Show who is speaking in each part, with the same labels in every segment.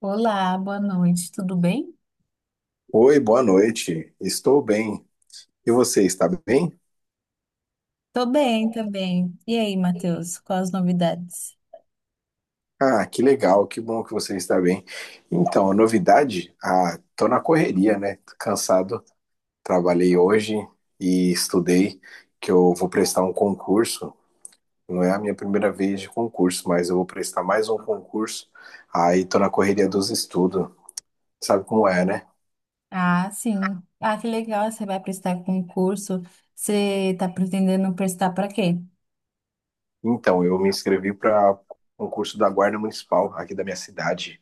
Speaker 1: Olá, boa noite, tudo bem?
Speaker 2: Oi, boa noite. Estou bem. E você está bem?
Speaker 1: Tô bem também. E aí, Matheus, quais as novidades?
Speaker 2: Ah, que legal, que bom que você está bem. Então, a novidade, tô na correria, né? Tô cansado. Trabalhei hoje e estudei que eu vou prestar um concurso. Não é a minha primeira vez de concurso, mas eu vou prestar mais um concurso. Aí tô na correria dos estudos. Sabe como é, né?
Speaker 1: Ah, sim. Ah, que legal, você vai prestar concurso. Você tá pretendendo prestar para quê?
Speaker 2: Então, eu me inscrevi para um curso da Guarda Municipal aqui da minha cidade.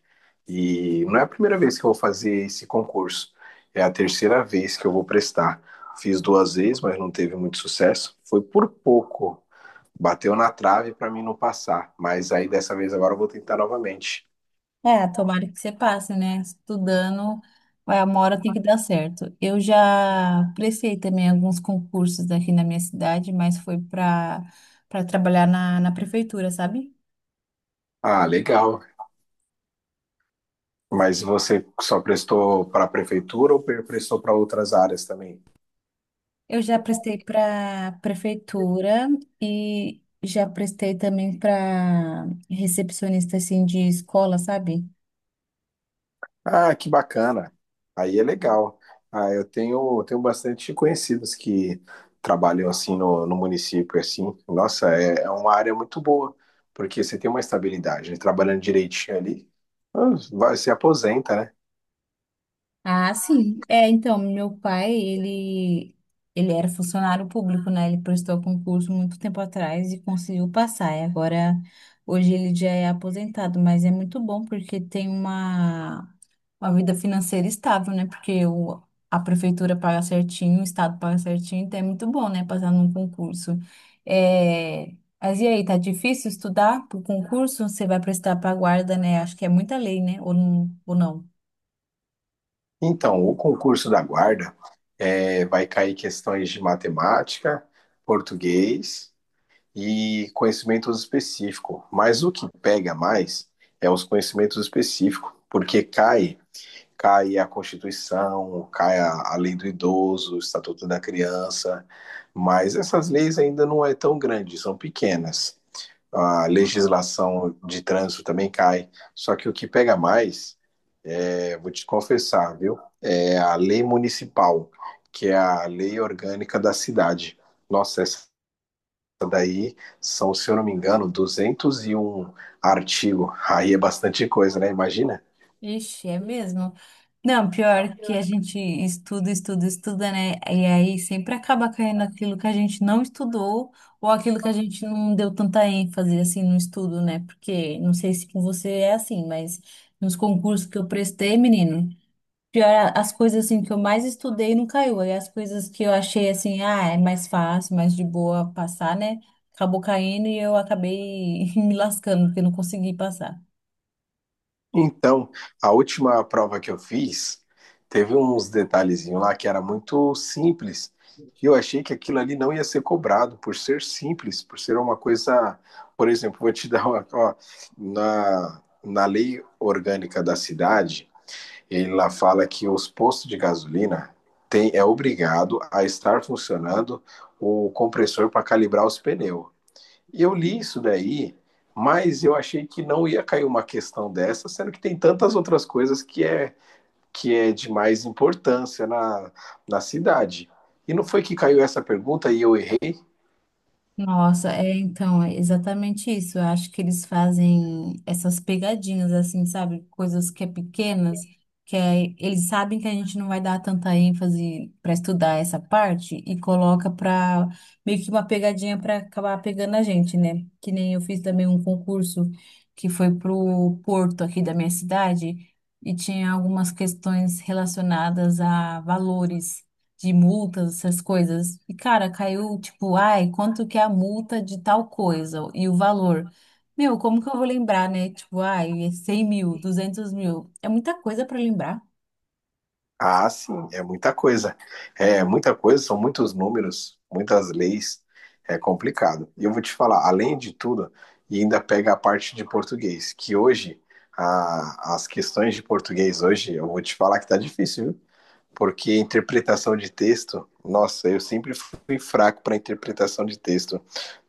Speaker 2: E não é a primeira vez que eu vou fazer esse concurso. É a terceira vez que eu vou prestar. Fiz duas vezes, mas não teve muito sucesso. Foi por pouco. Bateu na trave para mim não passar. Mas aí dessa vez agora eu vou tentar novamente.
Speaker 1: É, tomara que você passe, né? Estudando, vai, uma hora tem que dar certo. Eu já prestei também alguns concursos aqui na minha cidade, mas foi para para trabalhar na prefeitura, sabe?
Speaker 2: Ah, legal. Mas você só prestou para a prefeitura ou prestou para outras áreas também?
Speaker 1: Eu já prestei para prefeitura e já prestei também para recepcionista assim de escola, sabe?
Speaker 2: Ah, que bacana. Aí é legal. Ah, eu tenho bastante conhecidos que trabalham assim no município, assim. Nossa, é uma área muito boa, porque você tem uma estabilidade, né? Trabalhando direitinho ali, ah, vai, se aposenta, né?
Speaker 1: Ah, sim. É, então, meu pai, ele era funcionário público, né? Ele prestou concurso muito tempo atrás e conseguiu passar. E agora hoje ele já é aposentado, mas é muito bom porque tem uma vida financeira estável, né? A prefeitura paga certinho, o estado paga certinho, então é muito bom, né? Passar num concurso. É, mas e aí, tá difícil estudar pro concurso? Você vai prestar pra guarda, né? Acho que é muita lei, né? Ou não? Ou não?
Speaker 2: Então, o concurso da guarda é, vai cair questões de matemática, português e conhecimentos específicos. Mas o que pega mais é os conhecimentos específicos, porque cai a Constituição, cai a lei do idoso, o Estatuto da Criança, mas essas leis ainda não é tão grande, são pequenas. A legislação de trânsito também cai, só que o que pega mais, é, vou te confessar, viu, é a lei municipal, que é a lei orgânica da cidade. Nossa, essa aí são, se eu não me engano, 201 artigos. Aí é bastante coisa, né? Imagina.
Speaker 1: Ixi, é mesmo. Não, pior que a gente estuda, estuda, estuda, né? E aí sempre acaba caindo aquilo que a gente não estudou ou aquilo que a gente não deu tanta ênfase assim no estudo, né? Porque não sei se com você é assim, mas nos concursos que eu prestei, menino, pior as coisas assim que eu mais estudei não caiu. Aí as coisas que eu achei assim, ah, é mais fácil, mais de boa passar, né? Acabou caindo e eu acabei me lascando porque eu não consegui passar.
Speaker 2: Então, a última prova que eu fiz teve uns detalhezinhos lá que era muito simples. E eu achei que aquilo ali não ia ser cobrado por ser simples, por ser uma coisa. Por exemplo, vou te dar uma. Ó, na lei orgânica da cidade, ele lá fala que os postos de gasolina tem, é obrigado a estar funcionando o compressor para calibrar os pneus. E eu li isso daí, mas eu achei que não ia cair uma questão dessa, sendo que tem tantas outras coisas que é de mais importância na cidade. E não foi que caiu essa pergunta e eu errei?
Speaker 1: Nossa, é então, é exatamente isso. Eu acho que eles fazem essas pegadinhas, assim, sabe? Coisas que é pequenas, que é, eles sabem que a gente não vai dar tanta ênfase para estudar essa parte e coloca para meio que uma pegadinha para acabar pegando a gente, né? Que nem eu fiz também um concurso que foi pro Porto aqui da minha cidade e tinha algumas questões relacionadas a valores de multas, essas coisas. E, cara, caiu tipo, ai, quanto que é a multa de tal coisa e o valor. Meu, como que eu vou lembrar, né? Tipo, ai, é 100 mil, 200 mil. É muita coisa para lembrar.
Speaker 2: Ah, sim, é muita coisa. É muita coisa, são muitos números, muitas leis, é complicado. E eu vou te falar, além de tudo, e ainda pega a parte de português, que hoje as questões de português hoje, eu vou te falar que tá difícil, viu? Porque interpretação de texto, nossa, eu sempre fui fraco para interpretação de texto.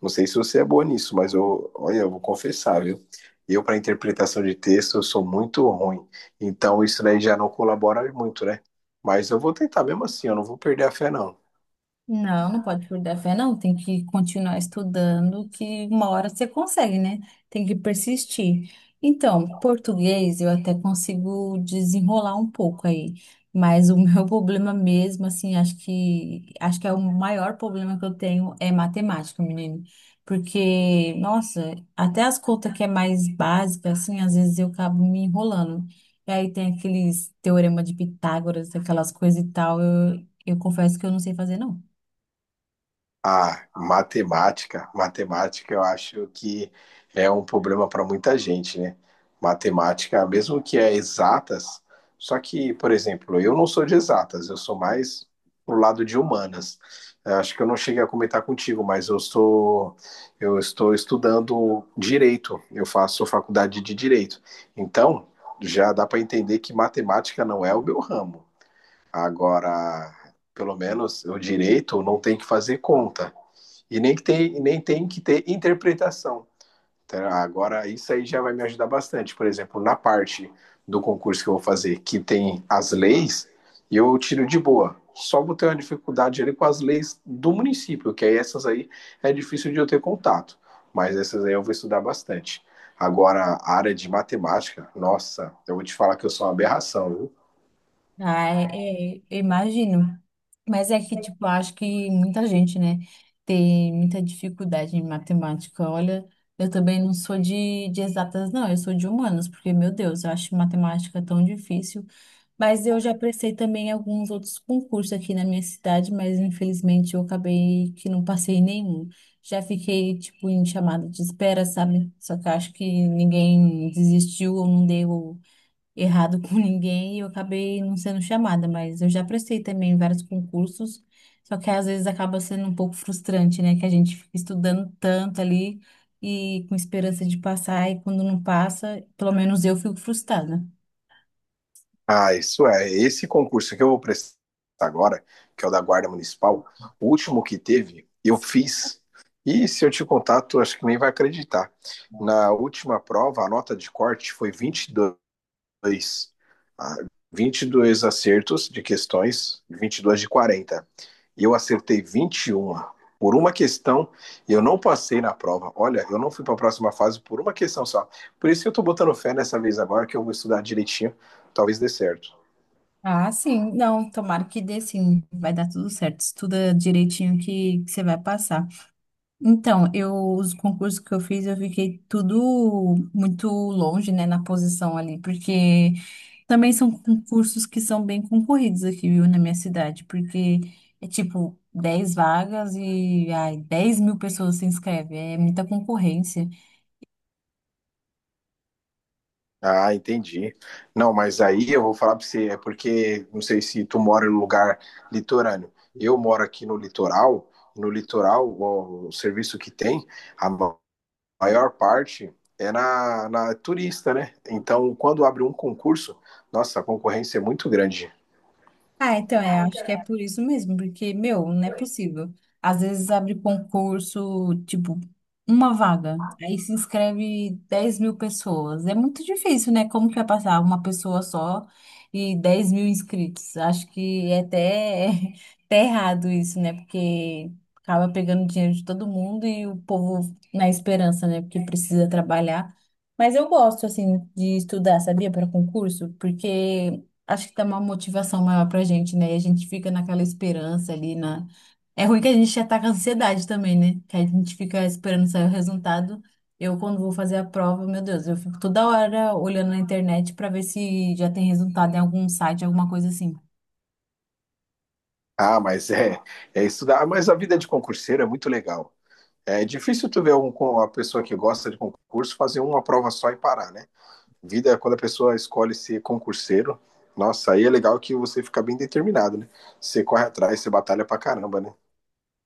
Speaker 2: Não sei se você é boa nisso, mas eu, olha, eu vou confessar, viu? Eu para interpretação de texto eu sou muito ruim. Então isso daí já não colabora muito, né? Mas eu vou tentar mesmo assim, eu não vou perder a fé não.
Speaker 1: Não, não pode perder a fé, não. Tem que continuar estudando, que uma hora você consegue, né? Tem que persistir. Então, português eu até consigo desenrolar um pouco aí, mas o meu problema mesmo, assim, acho que é o maior problema que eu tenho é matemática, menino. Porque, nossa, até as contas que é mais básica, assim, às vezes eu acabo me enrolando. E aí tem aqueles teorema de Pitágoras, aquelas coisas e tal. Eu confesso que eu não sei fazer, não.
Speaker 2: Ah, matemática eu acho que é um problema para muita gente, né? Matemática, mesmo que é exatas, só que, por exemplo, eu não sou de exatas, eu sou mais pro lado de humanas. Eu acho que eu não cheguei a comentar contigo, eu estou estudando direito, eu faço faculdade de direito. Então, já dá para entender que matemática não é o meu ramo. Agora, pelo menos o direito não tem que fazer conta. E nem tem que ter interpretação. Tá? Agora, isso aí já vai me ajudar bastante. Por exemplo, na parte do concurso que eu vou fazer, que tem as leis, eu tiro de boa. Só vou ter uma dificuldade ali com as leis do município, que aí essas aí é difícil de eu ter contato. Mas essas aí eu vou estudar bastante. Agora, a área de matemática, nossa, eu vou te falar que eu sou uma aberração, viu?
Speaker 1: Ah, é, é, eu imagino. Mas é que, tipo, eu acho que muita gente, né, tem muita dificuldade em matemática. Olha, eu também não sou de exatas, não, eu sou de humanas, porque, meu Deus, eu acho matemática tão difícil. Mas eu já prestei também alguns outros concursos aqui na minha cidade, mas infelizmente eu acabei que não passei em nenhum. Já fiquei, tipo, em chamada de espera, sabe? Só que eu acho que ninguém desistiu ou não deu errado com ninguém e eu acabei não sendo chamada, mas eu já prestei também vários concursos, só que às vezes acaba sendo um pouco frustrante, né? Que a gente fica estudando tanto ali e com esperança de passar, e quando não passa, pelo menos eu fico frustrada.
Speaker 2: Ah, isso é. Esse concurso que eu vou prestar agora, que é o da Guarda Municipal, o último que teve, eu fiz. E se eu te contar, tu acho que nem vai acreditar. Na última prova, a nota de corte foi 22. Ah, 22 acertos de questões, 22 de 40. E eu acertei 21. Por uma questão, eu não passei na prova. Olha, eu não fui para a próxima fase por uma questão só. Por isso que eu estou botando fé nessa vez agora, que eu vou estudar direitinho. Talvez dê certo.
Speaker 1: Ah, sim, não, tomara que dê sim, vai dar tudo certo, estuda direitinho que você vai passar. Então, eu, os concursos que eu fiz, eu fiquei tudo muito longe, né, na posição ali, porque também são concursos que são bem concorridos aqui, viu, na minha cidade, porque é tipo 10 vagas e ai, 10 mil pessoas se inscrevem, é muita concorrência.
Speaker 2: Ah, entendi. Não, mas aí eu vou falar para você, é porque não sei se tu mora em um lugar litorâneo. Eu moro aqui no litoral, e no litoral, o serviço que tem, a ma- maior parte é na turista, né? Então, quando abre um concurso, nossa, a concorrência é muito grande.
Speaker 1: Ah, então, é, acho que é por isso mesmo, porque, meu, não é possível. Às vezes abre concurso, tipo, uma vaga, aí se inscreve 10 mil pessoas. É muito difícil, né? Como que vai passar uma pessoa só e 10 mil inscritos? Acho que é até, até errado isso, né? Porque acaba pegando dinheiro de todo mundo e o povo na esperança, né? Porque precisa trabalhar. Mas eu gosto, assim, de estudar, sabia, para concurso? Porque acho que dá uma motivação maior pra gente, né? E a gente fica naquela esperança ali na. É ruim que a gente ataca a ansiedade também, né? Que a gente fica esperando sair o resultado. Eu, quando vou fazer a prova, meu Deus, eu fico toda hora olhando na internet pra ver se já tem resultado em algum site, alguma coisa assim.
Speaker 2: Ah, mas é, é estudar, mas a vida de concurseiro é muito legal. É difícil tu ver uma pessoa que gosta de concurso fazer uma prova só e parar, né? Vida é quando a pessoa escolhe ser concurseiro. Nossa, aí é legal que você fica bem determinado, né? Você corre atrás, você batalha pra caramba, né?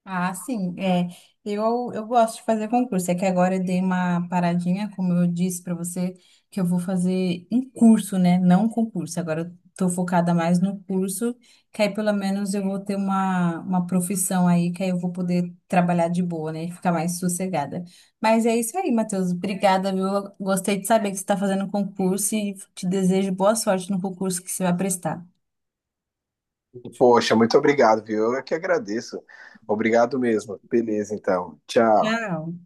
Speaker 1: Ah, sim. É, eu gosto de fazer concurso. É que agora eu dei uma paradinha, como eu disse para você, que eu vou fazer um curso, né? Não um concurso. Agora eu tô focada mais no curso, que aí pelo menos eu vou ter uma uma profissão aí, que aí eu vou poder trabalhar de boa, né? E ficar mais sossegada. Mas é isso aí, Matheus. Obrigada, viu? Eu gostei de saber que você está fazendo concurso e te desejo boa sorte no concurso que você vai prestar.
Speaker 2: Poxa, muito obrigado, viu? Eu é que agradeço. Obrigado mesmo. Beleza, então. Tchau.
Speaker 1: Tchau.